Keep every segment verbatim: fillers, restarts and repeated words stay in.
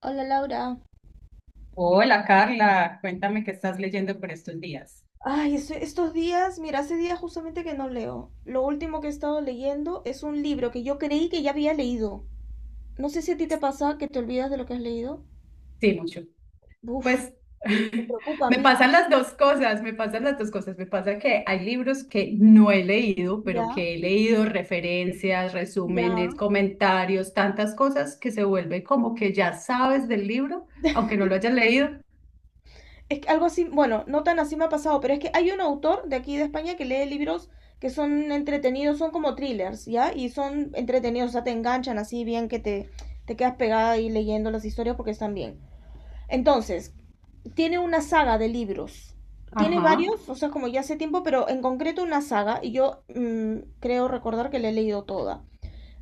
Hola Laura. Hola Carla, cuéntame qué estás leyendo por estos días. Ay, es- estos días, mira, hace días justamente que no leo. Lo último que he estado leyendo es un libro que yo creí que ya había leído. No sé si a ti te pasa que te olvidas de lo que has leído. Sí, mucho. Uf, Pues me preocupa, me amiga. pasan las dos cosas, me pasan las dos cosas. Me pasa que hay libros que no he leído, pero Ya, que he leído referencias, ya. resúmenes, comentarios, tantas cosas que se vuelve como que ya sabes del libro, aunque no lo hayas leído. Es que algo así, bueno, no tan así me ha pasado, pero es que hay un autor de aquí de España que lee libros que son entretenidos, son como thrillers, ¿ya? Y son entretenidos, o sea, te enganchan así bien que te, te quedas pegada ahí leyendo las historias porque están bien. Entonces, tiene una saga de libros. Tiene Ajá. varios, o sea, como ya hace tiempo, pero en concreto una saga, y yo mm, creo recordar que la he leído toda.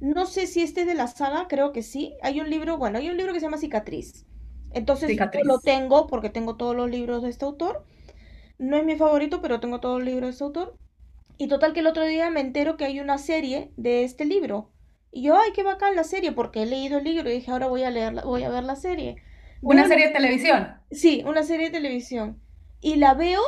No sé si este es de la saga, creo que sí. Hay un libro, bueno, hay un libro que se llama Cicatriz. Entonces, yo lo Cicatriz. tengo porque tengo todos los libros de este autor. No es mi favorito, pero tengo todos los libros de este autor. Y total que el otro día me entero que hay una serie de este libro. Y yo, ay, qué bacán la serie, porque he leído el libro y dije, ahora voy a leer, la- voy a ver la serie. Veo ¿Una serie de televisión? Sí, una serie de televisión. Y la veo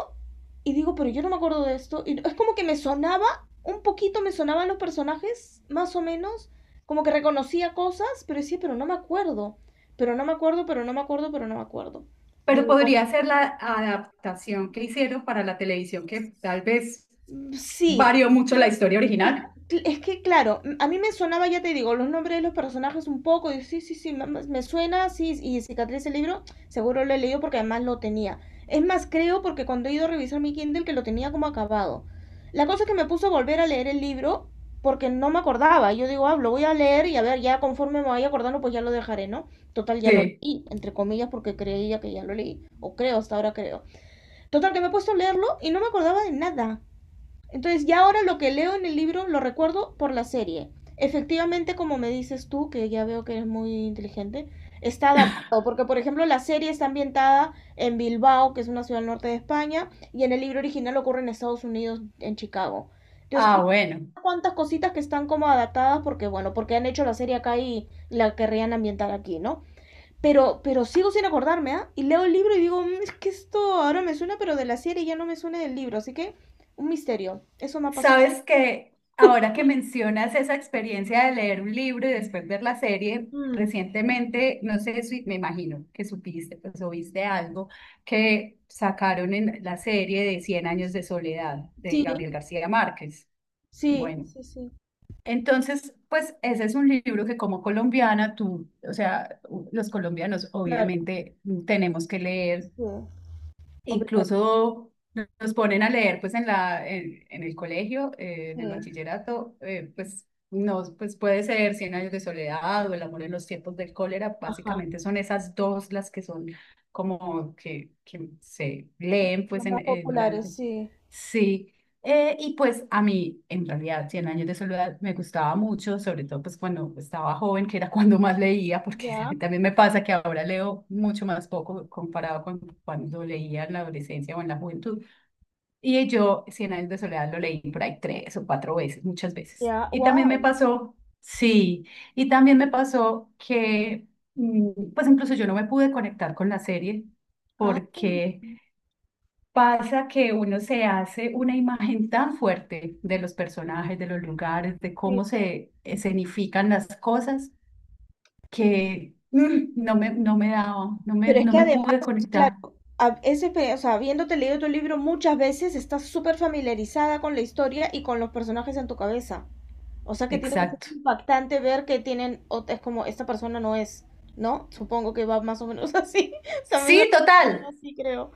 y digo, pero yo no me acuerdo de esto. Y es como que me sonaba, un poquito me sonaban los personajes, más o menos, como que reconocía cosas, pero decía, pero no me acuerdo, pero no me acuerdo, pero no me acuerdo, pero no me acuerdo. Pero Digo, bueno, podría ser la adaptación que hicieron para la televisión, que tal vez sí. varió mucho la historia Es, original. es que, claro, a mí me sonaba, ya te digo, los nombres de los personajes un poco, y sí, sí, sí, me, me suena, sí, y cicatriz el libro, seguro lo he leído porque además lo tenía. Es más, creo porque cuando he ido a revisar mi Kindle que lo tenía como acabado. La cosa es que me puso a volver a leer el libro porque no me acordaba. Yo digo, ah, lo voy a leer y a ver, ya conforme me vaya acordando, pues ya lo dejaré, ¿no? Total, ya lo Sí. leí, entre comillas, porque creía que ya lo leí, o creo, hasta ahora creo. Total, que me he puesto a leerlo y no me acordaba de nada. Entonces ya ahora lo que leo en el libro lo recuerdo por la serie. Efectivamente, como me dices tú, que ya veo que eres muy inteligente, está adaptado, porque por ejemplo la serie está ambientada en Bilbao, que es una ciudad al norte de España, y en el libro original ocurre en Estados Unidos, en Chicago. Entonces, hay Ah, bueno. unas cuantas cositas que están como adaptadas porque, bueno, porque han hecho la serie acá y la querrían ambientar aquí, ¿no? Pero, pero sigo sin acordarme, ¿ah? Y leo el libro y digo, "Mm, es que esto ahora me suena, pero de la serie ya no me suena del libro". Así que, un misterio. Eso me ha pasado. Sabes que ahora que mencionas esa experiencia de leer un libro y después ver la serie, Mm, recientemente, no sé, si me imagino que supiste, pues, o viste algo que sacaron en la serie de Cien años de soledad de sí, Gabriel García Márquez. sí, Bueno, sí, sí. entonces, pues ese es un libro que como colombiana tú, o sea, u- los colombianos Claro, obviamente tenemos que leer. sí. Obligado, Incluso nos ponen a leer pues en la, en, en el colegio, eh, en el sí. bachillerato, eh, pues nos pues puede ser Cien años de soledad o El amor en los tiempos del cólera, Ajá. básicamente son esas dos las que son como que, que se leen Los pues en, más eh, durante. populares, sí. Sí, eh, y pues a mí, en realidad, Cien años de soledad me gustaba mucho, sobre todo pues cuando estaba joven, que era cuando más leía, porque a Ya, mí también me pasa que ahora leo mucho más poco comparado con cuando leía en la adolescencia o en la juventud. Y yo Cien años de soledad lo leí por ahí tres o cuatro veces, muchas veces. ya. Y también me Wow. pasó, sí, y también me pasó que mm, pues incluso yo no me pude conectar con la serie Ah, porque pasa que uno se hace una imagen tan fuerte de los personajes, de los lugares, de sí. cómo se escenifican las cosas, que mm, no me, no me daba, no me, Pero es no que me además, pude claro, conectar. a- ese, pe- o sea, habiéndote leído tu libro muchas veces, estás súper familiarizada con la historia y con los personajes en tu cabeza. O sea que tiene que ser Exacto. impactante ver que tienen, ot- es como, esta persona no es, ¿no? Supongo que va más o menos así. O sea, a mí me Sí, parecía algo total. así, creo.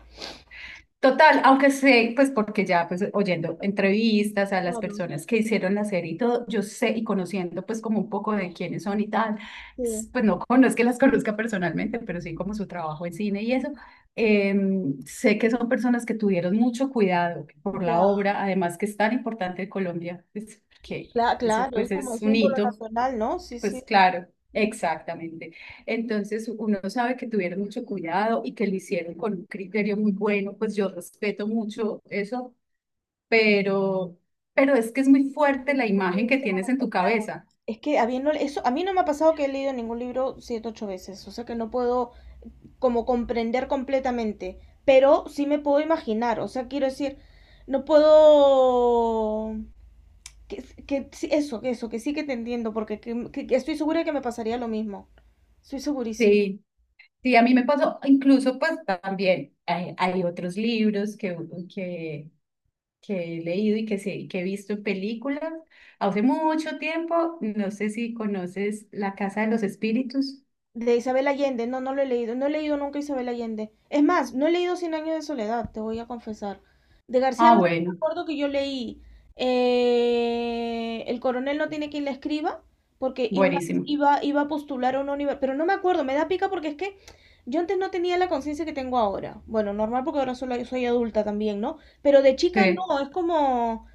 Total, aunque sé, pues porque ya pues oyendo entrevistas a las Claro, personas que hicieron la serie y todo, yo sé y conociendo pues como un poco de quiénes son y tal, sí. s- pues no, con- no es que las conozca personalmente, pero sí como su trabajo en cine y eso, em, sé que son personas que tuvieron mucho cuidado por la Ya. obra, además que es tan importante en Colombia, pues, que Cla- eso claro, es pues como un es un símbolo hito. nacional, ¿no? Sí, Pues sí. claro, exactamente. Entonces uno sabe que tuvieron mucho cuidado y que lo hicieron con un criterio muy bueno, pues yo respeto mucho eso, pero, pero es que es muy No fuerte la no imagen puede que ser tienes en conectado, tu ya. cabeza. Es que habiendo, eso, a mí no me ha pasado que he leído ningún libro siete, ocho veces. O sea que no puedo como comprender completamente. Pero sí me puedo imaginar. O sea, quiero decir, no puedo. Que, que sí, eso, que eso, que sí que te entiendo, porque que- mm, que- que estoy segura que me pasaría lo mismo. Estoy segurísima. Sí, sí, a mí me pasó, incluso pues también hay, hay otros libros que, que, que he leído y que, sí- que he visto en películas. Hace mucho tiempo, no sé si conoces La Casa de los Espíritus. De Isabel Allende, no, no lo he leído. No he leído nunca Isabel Allende. Es más, no he leído Cien años de soledad, te voy a confesar. De García Ah, Márquez me bueno, acuerdo que yo leí eh, El coronel no tiene quien le escriba, porque y una vez buenísimo. iba, iba a postular a una universidad, pero no me acuerdo, me da pica porque es que yo antes no tenía la conciencia que tengo ahora. Bueno, normal porque ahora solo soy adulta también, ¿no? Pero de chica Sí. no, es como.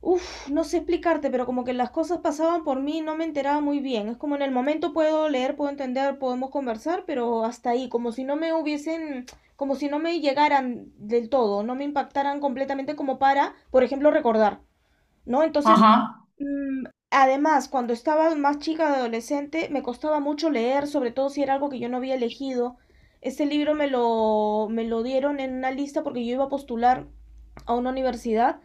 Uf, no sé explicarte, pero como que las cosas pasaban por mí y no me enteraba muy bien. Es como en el momento puedo leer, puedo entender, podemos conversar, pero hasta ahí, como si no me hubiesen, como si no me llegaran del todo, no me impactaran completamente como para, por ejemplo, recordar, ¿no? Entonces, Ajá. mm, además, cuando estaba más chica, de adolescente, me costaba mucho leer, sobre todo si era algo que yo no había elegido. Este libro me lo, me lo dieron en una lista porque yo iba a postular a una universidad,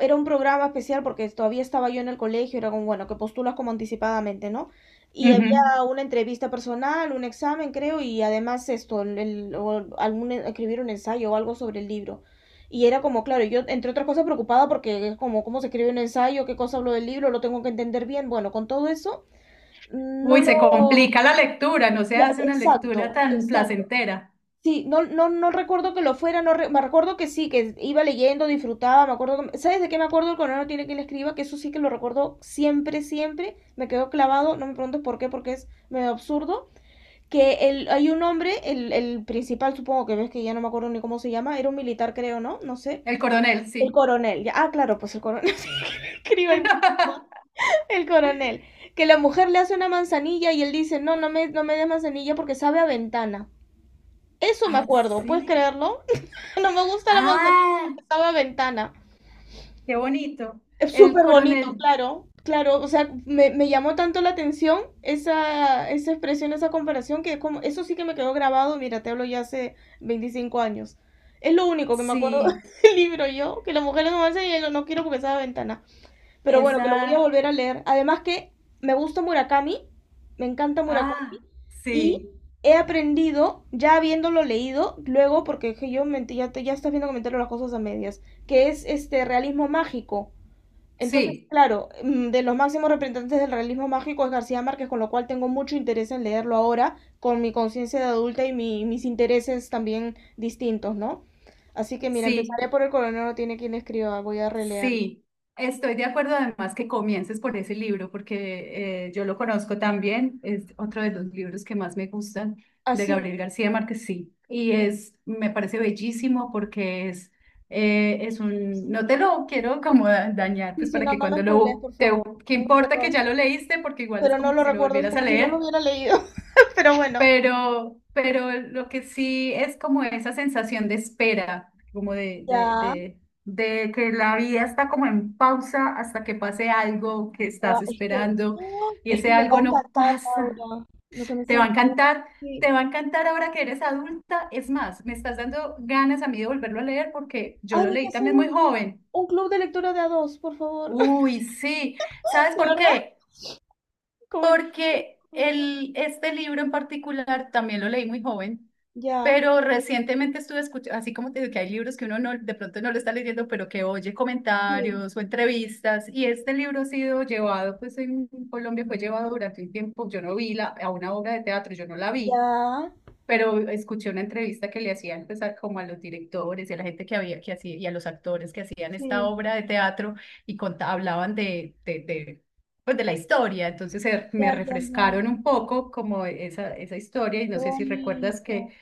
era un programa especial porque todavía estaba yo en el colegio, era como, bueno, que postulas como anticipadamente, ¿no? Y Ujú. había una entrevista personal, un examen, creo, y además esto, el, el- o algún, escribir un ensayo o algo sobre el libro. Y era como, claro, yo, entre otras cosas, preocupada porque es como, ¿cómo se escribe un ensayo? ¿Qué cosa hablo del libro? ¿Lo tengo que entender bien? Bueno, con todo eso, no Uy, se lo. complica la lectura, no se Ya, hace una lectura exacto, tan exacto. placentera. Sí, no, no, no recuerdo que lo fuera, no re- me recuerdo que sí, que iba leyendo, disfrutaba, me acuerdo, que- ¿sabes de qué me acuerdo? El coronel no tiene quien le escriba, que eso sí que lo recuerdo siempre, siempre, me quedó clavado, no me preguntes por qué, porque es medio absurdo, que el, hay un hombre, el, el principal supongo que ves que ya no me acuerdo ni cómo se llama, era un militar creo, ¿no? No sé, El coronel, el sí. coronel, ya, ah, claro, pues el coronel, sí, escriba ahí, el coronel, que la mujer le hace una manzanilla y él dice, no, no me, no me des manzanilla porque sabe a ventana. Eso me acuerdo, ¿puedes Así. creerlo? No me gusta la manzanilla Ah, porque estaba ventana. qué bonito. Es El súper bonito, coronel, claro. Claro, o sea, me, me llamó tanto la atención esa, esa expresión, esa comparación, que como, eso sí que me quedó grabado, mira, te hablo ya hace veinticinco años. Es lo único que me acuerdo sí. del libro yo, que la mujer es una manzanilla y yo no quiero porque estaba ventana. Pero bueno, que lo voy a Esa. volver a leer. Además que me gusta Murakami, me encanta Murakami, Ah, y sí. he aprendido, ya habiéndolo leído, luego, porque que yo mentí, ya, te- ya estás viendo comentario las cosas a medias, que es este realismo mágico. Entonces, Sí, claro, mm, de los máximos representantes del realismo mágico es García Márquez, con lo cual tengo mucho interés en leerlo ahora, con mi conciencia de adulta y mi- mis intereses también distintos, ¿no? Así que mira, sí. empezaré por el coronel no tiene quien escriba, voy a releerlo. Sí, estoy de acuerdo además que comiences por ese libro, porque eh, yo lo conozco también, es otro de los libros que más me gustan de Así Gabriel García Márquez, sí, y es, me parece bellísimo porque es, eh, es un, no te lo quiero como da- dañar, Sí, pues sí, para no, que no me cuando spoilees, lo, por te, favor. qué Tengo importa que terror. ya lo leíste, porque igual es Pero no como lo si lo recuerdo, es volvieras a como si no lo leer, hubiera leído. Pero bueno, pero, pero lo que sí es como esa sensación de espera, como de, de, ya. de, de que la vida está como en pausa hasta que pase algo que Guau, estás es que, esperando oh, y es ese que me va algo a no encantar, pasa. Laura. Lo que me Te va estás a diciendo. encantar, Sí. te va a encantar ahora que eres adulta. Es más, me estás dando ganas a mí de volverlo a leer porque yo Ay, lo hay que leí hacer también un, muy joven. un club de lectura de a dos, por favor. Uy, sí. ¿Sabes ¿De por verdad? qué? Comen- Porque el, este libro en particular también lo leí muy joven, Ya, pero recientemente estuve escuchando, así como te digo que hay libros que uno no, de pronto no lo está leyendo, pero que oye sí. comentarios o entrevistas, y este libro ha sido llevado, pues en Colombia fue llevado durante un tiempo, yo no vi la, a una obra de teatro, yo no la vi, Ya, pero escuché una entrevista que le hacían pues, a- como a los directores y a la gente que había que hacía y a los actores que hacían esta sí. obra de teatro y conta- hablaban de, de, de, pues, de la historia. Entonces se- Ya, me ya, ya, refrescaron ya. un poco como esa, esa historia y Qué no sé si recuerdas que, bonito.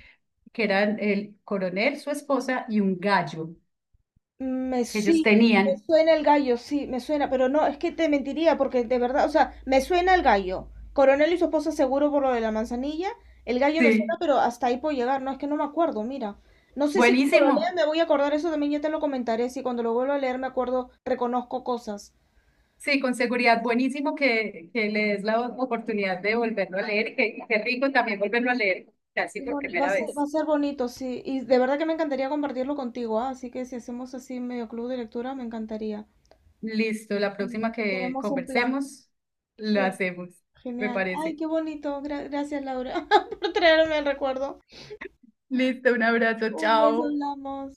que eran el coronel, su esposa y un gallo Me que ellos Sí, me tenían. suena el gallo, sí, me suena, pero no, es que te mentiría porque de verdad, o sea, me suena el gallo. Coronel y su esposa seguro por lo de la manzanilla. El gallo me suena, Sí, pero hasta ahí puedo llegar. No, es que no me acuerdo, mira. No sé si cuando lo lea buenísimo. me voy a acordar eso también, ya te lo comentaré. Si cuando lo vuelvo a leer me acuerdo, reconozco cosas. Sí, con seguridad, buenísimo que, que le des la oportunidad de volverlo a leer y que- qué rico también volverlo a leer casi Qué por boni- Va primera a ser, va vez. a ser bonito, sí. Y de verdad que me encantaría compartirlo contigo, ¿ah? Así que si hacemos así medio club de lectura, me encantaría. Listo, la Mm. próxima que Tenemos un plan. conversemos, lo Sí. hacemos, me Genial. Ay, parece. qué bonito. Gra- gracias, Laura, por traerme el recuerdo. Listo, un abrazo, Un beso, chao. hablamos.